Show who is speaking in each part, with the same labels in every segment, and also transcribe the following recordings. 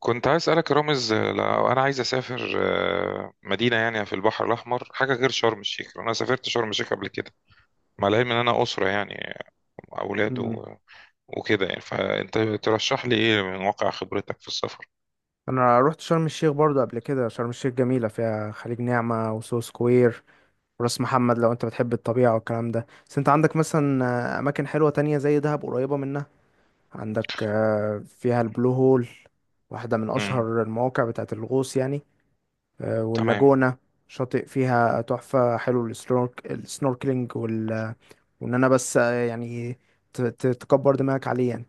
Speaker 1: كنت عايز اسالك يا رامز لو انا عايز اسافر مدينه يعني في البحر الاحمر حاجه غير شرم الشيخ لأن انا سافرت شرم الشيخ قبل كده، مع العلم ان انا اسره يعني اولاد
Speaker 2: مم.
Speaker 1: وكده يعني، فانت ترشح لي ايه من واقع خبرتك في السفر؟
Speaker 2: انا رحت شرم الشيخ برضو قبل كده. شرم الشيخ جميله، فيها خليج نعمه وسو سكوير وراس محمد، لو انت بتحب الطبيعه والكلام ده. بس انت عندك مثلا اماكن حلوه تانية زي دهب قريبه منها. عندك فيها البلو هول، واحده من
Speaker 1: امم
Speaker 2: اشهر المواقع بتاعه الغوص يعني.
Speaker 1: تمام.
Speaker 2: واللاجونه شاطئ فيها تحفه، حلو السنوركلينج وان انا بس يعني تكبر دماغك عليه يعني.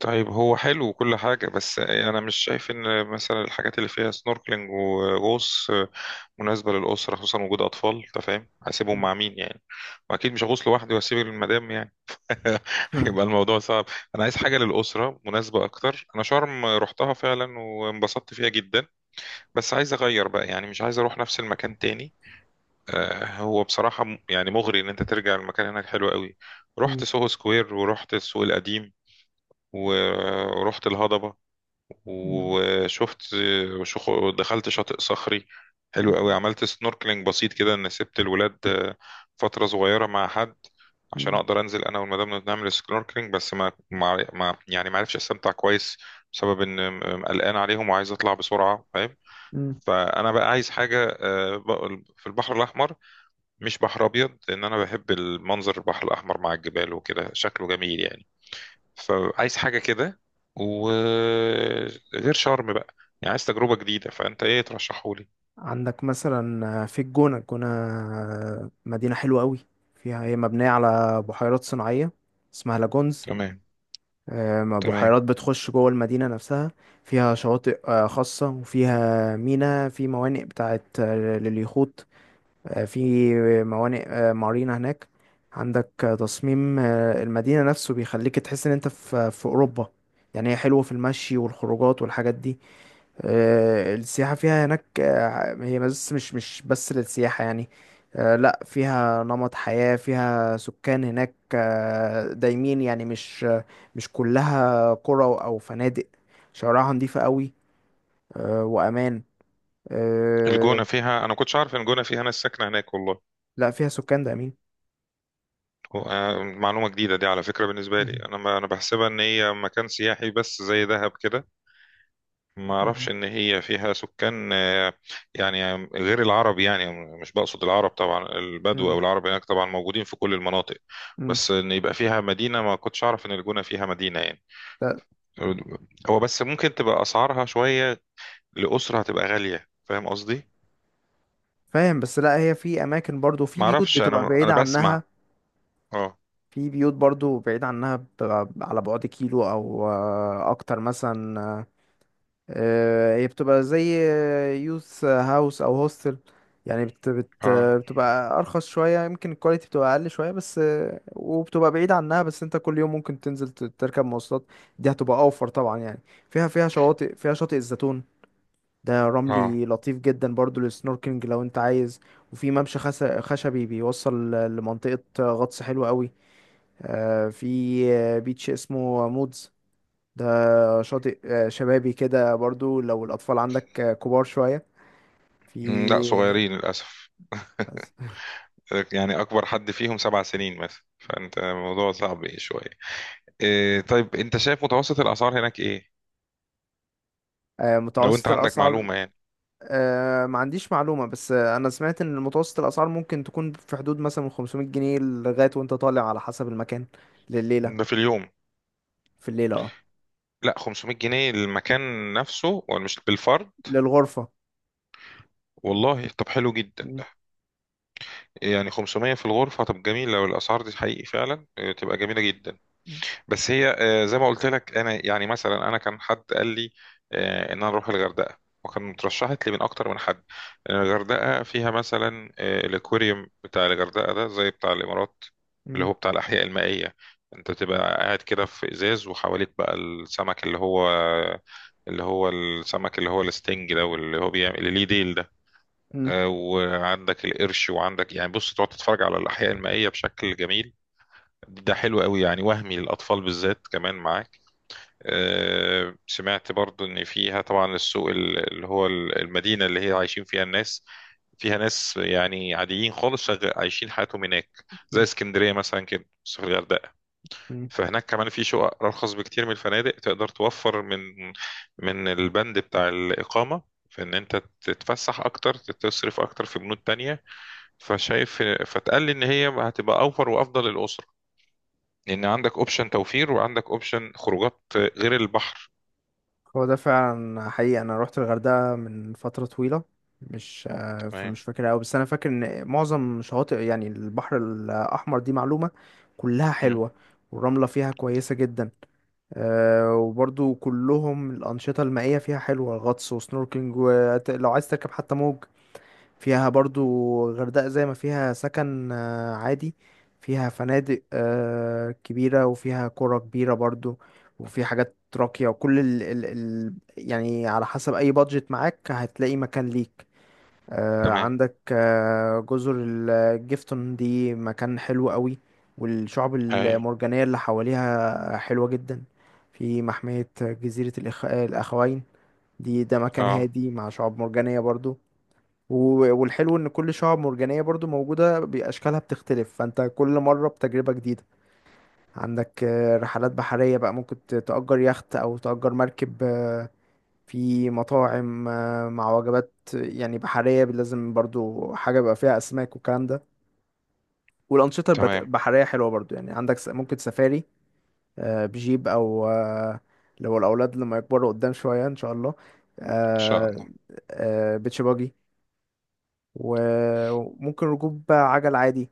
Speaker 1: طيب هو حلو وكل حاجة، بس أنا مش شايف إن مثلا الحاجات اللي فيها سنوركلينج وغوص مناسبة للأسرة، خصوصا وجود أطفال. أنت فاهم؟ هسيبهم مع مين يعني؟ وأكيد مش هغوص لوحدي وأسيب المدام
Speaker 2: مم.
Speaker 1: هيبقى الموضوع صعب. انا عايز حاجه للاسره مناسبه اكتر. انا شرم رحتها فعلا وانبسطت فيها جدا، بس عايز اغير بقى يعني، مش عايز اروح نفس المكان تاني. هو بصراحه يعني مغري ان انت ترجع، المكان هناك حلو قوي.
Speaker 2: مم.
Speaker 1: رحت سوهو سكوير ورحت السوق القديم، ورحت الهضبه
Speaker 2: مم.
Speaker 1: وشفت، ودخلت شاطئ صخري حلو قوي، عملت سنوركلينج بسيط كده، ان سبت الولاد فترة صغيرة مع حد عشان اقدر انزل انا والمدام نعمل سنوركلينج، بس يعني ما عرفش استمتع كويس بسبب ان قلقان عليهم وعايز اطلع بسرعة، فاهم؟
Speaker 2: مم.
Speaker 1: فانا بقى عايز حاجة في البحر الاحمر، مش بحر ابيض، لان انا بحب المنظر البحر الاحمر مع الجبال وكده شكله جميل يعني. فعايز حاجة كده وغير شرم بقى، يعني عايز تجربة جديدة. فأنت إيه ترشحولي؟
Speaker 2: عندك مثلا في الجونة. الجونة مدينة حلوة قوي، فيها، هي مبنية على بحيرات صناعية اسمها لاجونز.
Speaker 1: تمام. تمام.
Speaker 2: بحيرات بتخش جوه المدينة نفسها. فيها شواطئ خاصة، وفيها في موانئ بتاعت لليخوت. في موانئ، مارينا هناك. عندك تصميم المدينة نفسه بيخليك تحس ان انت في أوروبا. يعني هي حلوة في المشي والخروجات والحاجات دي. السياحة فيها هناك هي بس مش بس للسياحة يعني. لا، فيها نمط حياة، فيها سكان هناك دايمين يعني، مش كلها قرى أو فنادق. شوارعها نظيفة قوي، وأمان. آه،
Speaker 1: الجونة فيها، أنا ما كنتش عارف إن الجونة فيها ناس ساكنة هناك، والله.
Speaker 2: لا، فيها سكان دايمين.
Speaker 1: معلومة جديدة دي على فكرة بالنسبة لي،
Speaker 2: مهم.
Speaker 1: أنا ما أنا بحسبها إن هي مكان سياحي بس زي دهب كده. ما أعرفش
Speaker 2: مم.
Speaker 1: إن هي فيها سكان يعني غير العرب يعني، مش بقصد العرب طبعا، البدو
Speaker 2: مم.
Speaker 1: أو العرب هناك طبعا موجودين في كل المناطق.
Speaker 2: مم.
Speaker 1: بس إن يبقى فيها مدينة، ما كنتش أعرف إن الجونة فيها مدينة يعني.
Speaker 2: لا،
Speaker 1: هو بس ممكن تبقى اسعارها شويه لاسره، هتبقى غاليه، فاهم قصدي؟
Speaker 2: فاهم، بس لا، هي في أماكن برضو، في
Speaker 1: ما
Speaker 2: بيوت
Speaker 1: اعرفش،
Speaker 2: بتبقى
Speaker 1: انا
Speaker 2: بعيدة عنها.
Speaker 1: بسمع. اه.
Speaker 2: في بيوت برضو بعيدة عنها، بتبقى على بعد كيلو أو أكتر مثلا. هي بتبقى زي يوث هاوس او هوستل. يعني بت بت
Speaker 1: اه.
Speaker 2: بتبقى ارخص شويه، يمكن الكواليتي بتبقى اقل شويه، بس وبتبقى بعيد عنها. بس انت كل يوم ممكن تنزل تركب مواصلات. دي هتبقى اوفر طبعا يعني. فيها شواطئ، فيها شاطئ الزيتون. ده
Speaker 1: اه.
Speaker 2: رملي لطيف جدا برضو للسنوركلينج لو انت عايز. وفي ممشى خشبي بيوصل لمنطقه غطس حلوة قوي. في بيتش اسمه مودز. ده شاطئ شبابي كده برضو، لو الأطفال عندك كبار شوية. في
Speaker 1: مم، لا صغيرين للاسف، يعني اكبر حد فيهم سبع سنين مثلا، فانت الموضوع صعب ايه شويه. إيه طيب انت شايف متوسط الاسعار هناك ايه، لو انت
Speaker 2: متوسط
Speaker 1: عندك
Speaker 2: الأسعار.
Speaker 1: معلومه يعني؟
Speaker 2: ما عنديش معلومة، بس أنا سمعت إن متوسط الأسعار ممكن تكون في حدود مثلا من 500 جنيه لغاية وأنت طالع، على حسب المكان. لليلة.
Speaker 1: ده في اليوم؟
Speaker 2: في الليلة، اه.
Speaker 1: لا 500 جنيه المكان نفسه ولا مش بالفرد؟
Speaker 2: للغرفة.
Speaker 1: والله طب حلو جدا
Speaker 2: مم.
Speaker 1: ده. يعني 500 في الغرفه؟ طب جميله لو الاسعار دي حقيقي فعلا تبقى جميله جدا. بس هي زي ما قلت لك انا، يعني مثلا انا كان حد قال لي ان انا اروح الغردقه، وكان اترشحت لي من اكتر من حد، لأن الغردقه فيها مثلا الاكواريوم بتاع الغردقه ده زي بتاع الامارات، اللي هو
Speaker 2: مم.
Speaker 1: بتاع الاحياء المائيه، انت تبقى قاعد كده في ازاز وحواليك بقى السمك، اللي هو السمك اللي هو الستنج ده، واللي هو بيعمل اللي ليه ديل ده.
Speaker 2: مم.
Speaker 1: وعندك القرش وعندك يعني، بص تقعد تتفرج على الاحياء المائيه بشكل جميل. ده حلو قوي يعني، وهمي للاطفال بالذات كمان معاه. سمعت برضو ان فيها طبعا السوق المدينة اللي هي عايشين فيها الناس، فيها ناس يعني عاديين خالص، عايشين حياتهم هناك زي اسكندرية مثلا كده بس في الغردقة.
Speaker 2: مم.
Speaker 1: فهناك كمان في شقق أرخص بكتير من الفنادق، تقدر توفر من البند بتاع الإقامة، في إن أنت تتفسح أكتر، تصرف أكتر في بنود تانية. فشايف، فتقال لي إن هي هتبقى أوفر وأفضل للأسرة، لأن عندك أوبشن توفير وعندك أوبشن خروجات غير البحر.
Speaker 2: هو ده فعلا حقيقي. انا روحت الغردقه من فتره طويله، مش آه،
Speaker 1: تمام.
Speaker 2: فمش فاكر قوي، بس انا فاكر ان معظم شواطئ يعني البحر الاحمر دي معلومه، كلها
Speaker 1: مم.
Speaker 2: حلوه، والرمله فيها كويسه جدا. وبرضو كلهم الانشطه المائيه فيها حلوه، غطس وسنوركلينج، ولو عايز تركب حتى موج فيها برضو. غردقة زي ما فيها سكن عادي، فيها فنادق كبيرة، وفيها قرى كبيرة برضو. وفي حاجات راقية، وكل ال ال ال يعني على حسب أي بادجت معاك هتلاقي مكان ليك.
Speaker 1: تمام.
Speaker 2: عندك جزر الجيفتون، دي مكان حلو قوي، والشعب
Speaker 1: اي.
Speaker 2: المرجانية اللي حواليها حلوة جدا. في محمية جزيرة الأخوين. دي مكان
Speaker 1: اه.
Speaker 2: هادي مع شعاب مرجانية برضو. والحلو ان كل شعاب مرجانية برضو موجودة، باشكالها بتختلف، فانت كل مرة بتجربة جديدة. عندك رحلات بحرية بقى، ممكن تأجر يخت او تأجر مركب. في مطاعم مع وجبات يعني بحرية، لازم برضو حاجة بقى فيها اسماك والكلام ده. والانشطة
Speaker 1: تمام. ان
Speaker 2: البحرية حلوة برضو يعني. عندك ممكن سفاري، بجيب او لو الاولاد لما يكبروا قدام شوية ان شاء الله.
Speaker 1: شاء
Speaker 2: آه،
Speaker 1: الله.
Speaker 2: بيتش باجي، وممكن ركوب عجل عادي.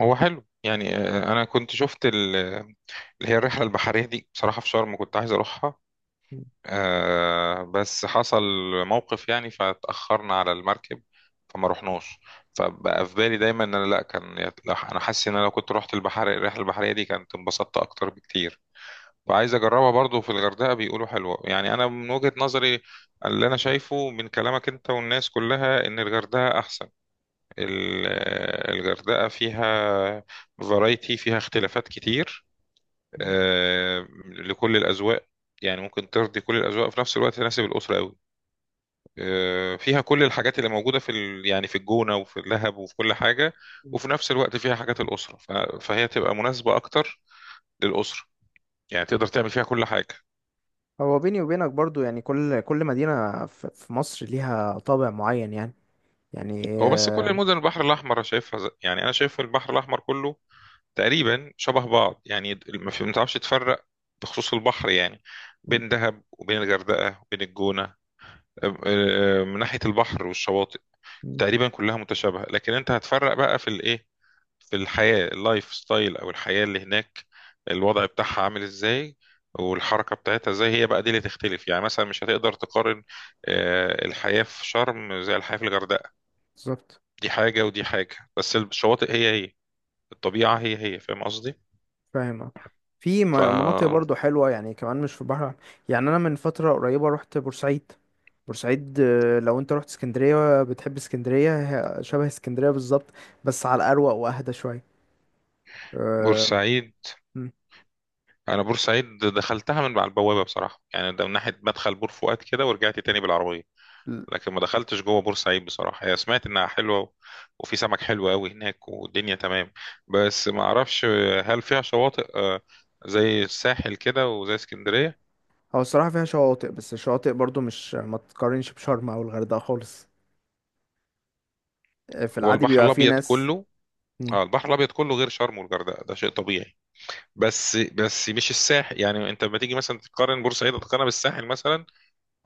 Speaker 1: هو حلو يعني، انا كنت شفت اللي هي الرحله البحريه دي بصراحه في شرم، كنت عايز اروحها بس حصل موقف يعني، فاتاخرنا على المركب فما رحناش. فبقى في بالي دايما ان انا، لا كان انا حاسس ان انا لو كنت رحت البحر الرحله البحريه دي كانت انبسطت اكتر بكتير. وعايز اجربها برضو في الغردقه، بيقولوا حلوه يعني. انا من وجهه نظري، اللي انا شايفه من كلامك انت والناس كلها، ان الغردقه احسن. ال- الغردقة فيها، فرايتي فيها اختلافات كتير لكل الأذواق، يعني ممكن ترضي كل الأذواق في نفس الوقت، تناسب الأسرة قوي. فيها كل الحاجات اللي موجودة في ال... يعني في الجونة وفي اللهب وفي كل حاجة، وفي نفس الوقت فيها حاجات الأسرة ف... فهي تبقى مناسبة أكتر للأسرة، يعني تقدر تعمل فيها كل حاجة.
Speaker 2: هو بيني وبينك برضو، يعني كل كل مدينة في مصر ليها طابع معين يعني. يعني
Speaker 1: هو بس كل المدن البحر الأحمر أنا شايفها يعني أنا شايف البحر الأحمر كله تقريبا شبه بعض، يعني ما تعرفش تفرق بخصوص البحر يعني، بين دهب وبين الغردقة وبين الجونة. أم- أه، من ناحية البحر والشواطئ تقريبا كلها متشابهة، لكن انت هتفرق بقى في الايه، في الحياة اللايف ستايل او الحياة اللي هناك، الوضع بتاعها عامل ازاي والحركة بتاعتها ازاي، هي بقى دي اللي تختلف. يعني مثلا مش هتقدر تقارن الحياة في شرم زي الحياة في الغردقة،
Speaker 2: بالظبط.
Speaker 1: دي حاجة ودي حاجة. بس الشواطئ هي هي، الطبيعة هي هي، فاهم قصدي؟
Speaker 2: فاهم، آه. في
Speaker 1: ف
Speaker 2: مناطق برضو حلوة يعني كمان، مش في البحر. يعني أنا من فترة قريبة رحت بورسعيد. بورسعيد، لو أنت رحت اسكندرية بتحب اسكندرية، هي شبه اسكندرية بالظبط، بس على الأروق وأهدى شوية. آه،
Speaker 1: بورسعيد،
Speaker 2: م.
Speaker 1: انا بورسعيد دخلتها من على البوابه بصراحه، يعني ده من ناحيه مدخل بور فؤاد كده، ورجعت تاني بالعربيه، لكن ما دخلتش جوه بورسعيد بصراحه. هي سمعت انها حلوه وفي سمك حلو قوي هناك والدنيا تمام. بس ما اعرفش هل فيها شواطئ زي الساحل كده وزي اسكندريه.
Speaker 2: هو الصراحة فيها شواطئ، بس الشواطئ برضو مش، ما تقارنش بشرم أو الغردقة خالص. في
Speaker 1: هو
Speaker 2: العادي
Speaker 1: البحر
Speaker 2: بيبقى في
Speaker 1: الابيض
Speaker 2: ناس.
Speaker 1: كله،
Speaker 2: مم.
Speaker 1: اه البحر الابيض كله غير شرم والغردقه ده شيء طبيعي. بس مش الساحل، يعني انت لما تيجي مثلا تقارن بورسعيد تقارنها بالساحل مثلا،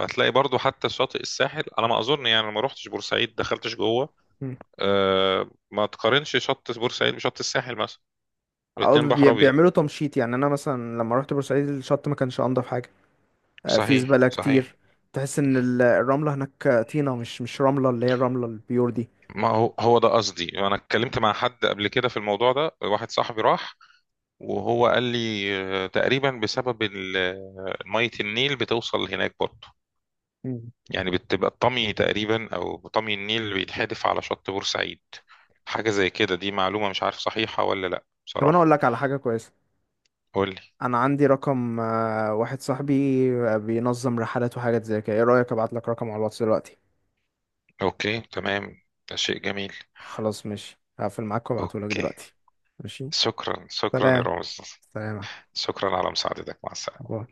Speaker 1: هتلاقي برضو حتى شاطئ الساحل على ما اظن. يعني أنا ما روحتش بورسعيد دخلتش جوه.
Speaker 2: مم.
Speaker 1: أه ما تقارنش شط بورسعيد بشط الساحل مثلا،
Speaker 2: او
Speaker 1: الاتنين بحر ابيض.
Speaker 2: بيعملوا تمشيط. يعني انا مثلا لما رحت بورسعيد الشط ما كانش انضف حاجه، في
Speaker 1: صحيح
Speaker 2: زباله
Speaker 1: صحيح.
Speaker 2: كتير. تحس ان الرمله هناك طينه، مش رمله، اللي هي الرمله البيور دي.
Speaker 1: ما هو هو ده قصدي، انا اتكلمت مع حد قبل كده في الموضوع ده، واحد صاحبي راح وهو قال لي تقريبا بسبب مية النيل بتوصل هناك برضه،
Speaker 2: مم.
Speaker 1: يعني بتبقى الطمي تقريبا او طمي النيل بيتحدف على شط بورسعيد، حاجة زي كده. دي معلومة مش عارف صحيحة ولا لا
Speaker 2: طب انا اقول
Speaker 1: بصراحة.
Speaker 2: لك على حاجه كويسه.
Speaker 1: قول لي.
Speaker 2: انا عندي رقم واحد صاحبي بينظم رحلات وحاجات زي كده، ايه رايك ابعت لك رقم على الواتس دلوقتي؟
Speaker 1: أوكي تمام. ده شيء جميل.
Speaker 2: خلاص ماشي، هقفل معاك وابعته لك
Speaker 1: أوكي.
Speaker 2: دلوقتي. ماشي.
Speaker 1: شكرا شكرا يا
Speaker 2: سلام.
Speaker 1: رامز.
Speaker 2: سلام يا أحمد.
Speaker 1: شكرا على مساعدتك، مع
Speaker 2: باي.
Speaker 1: السلامة.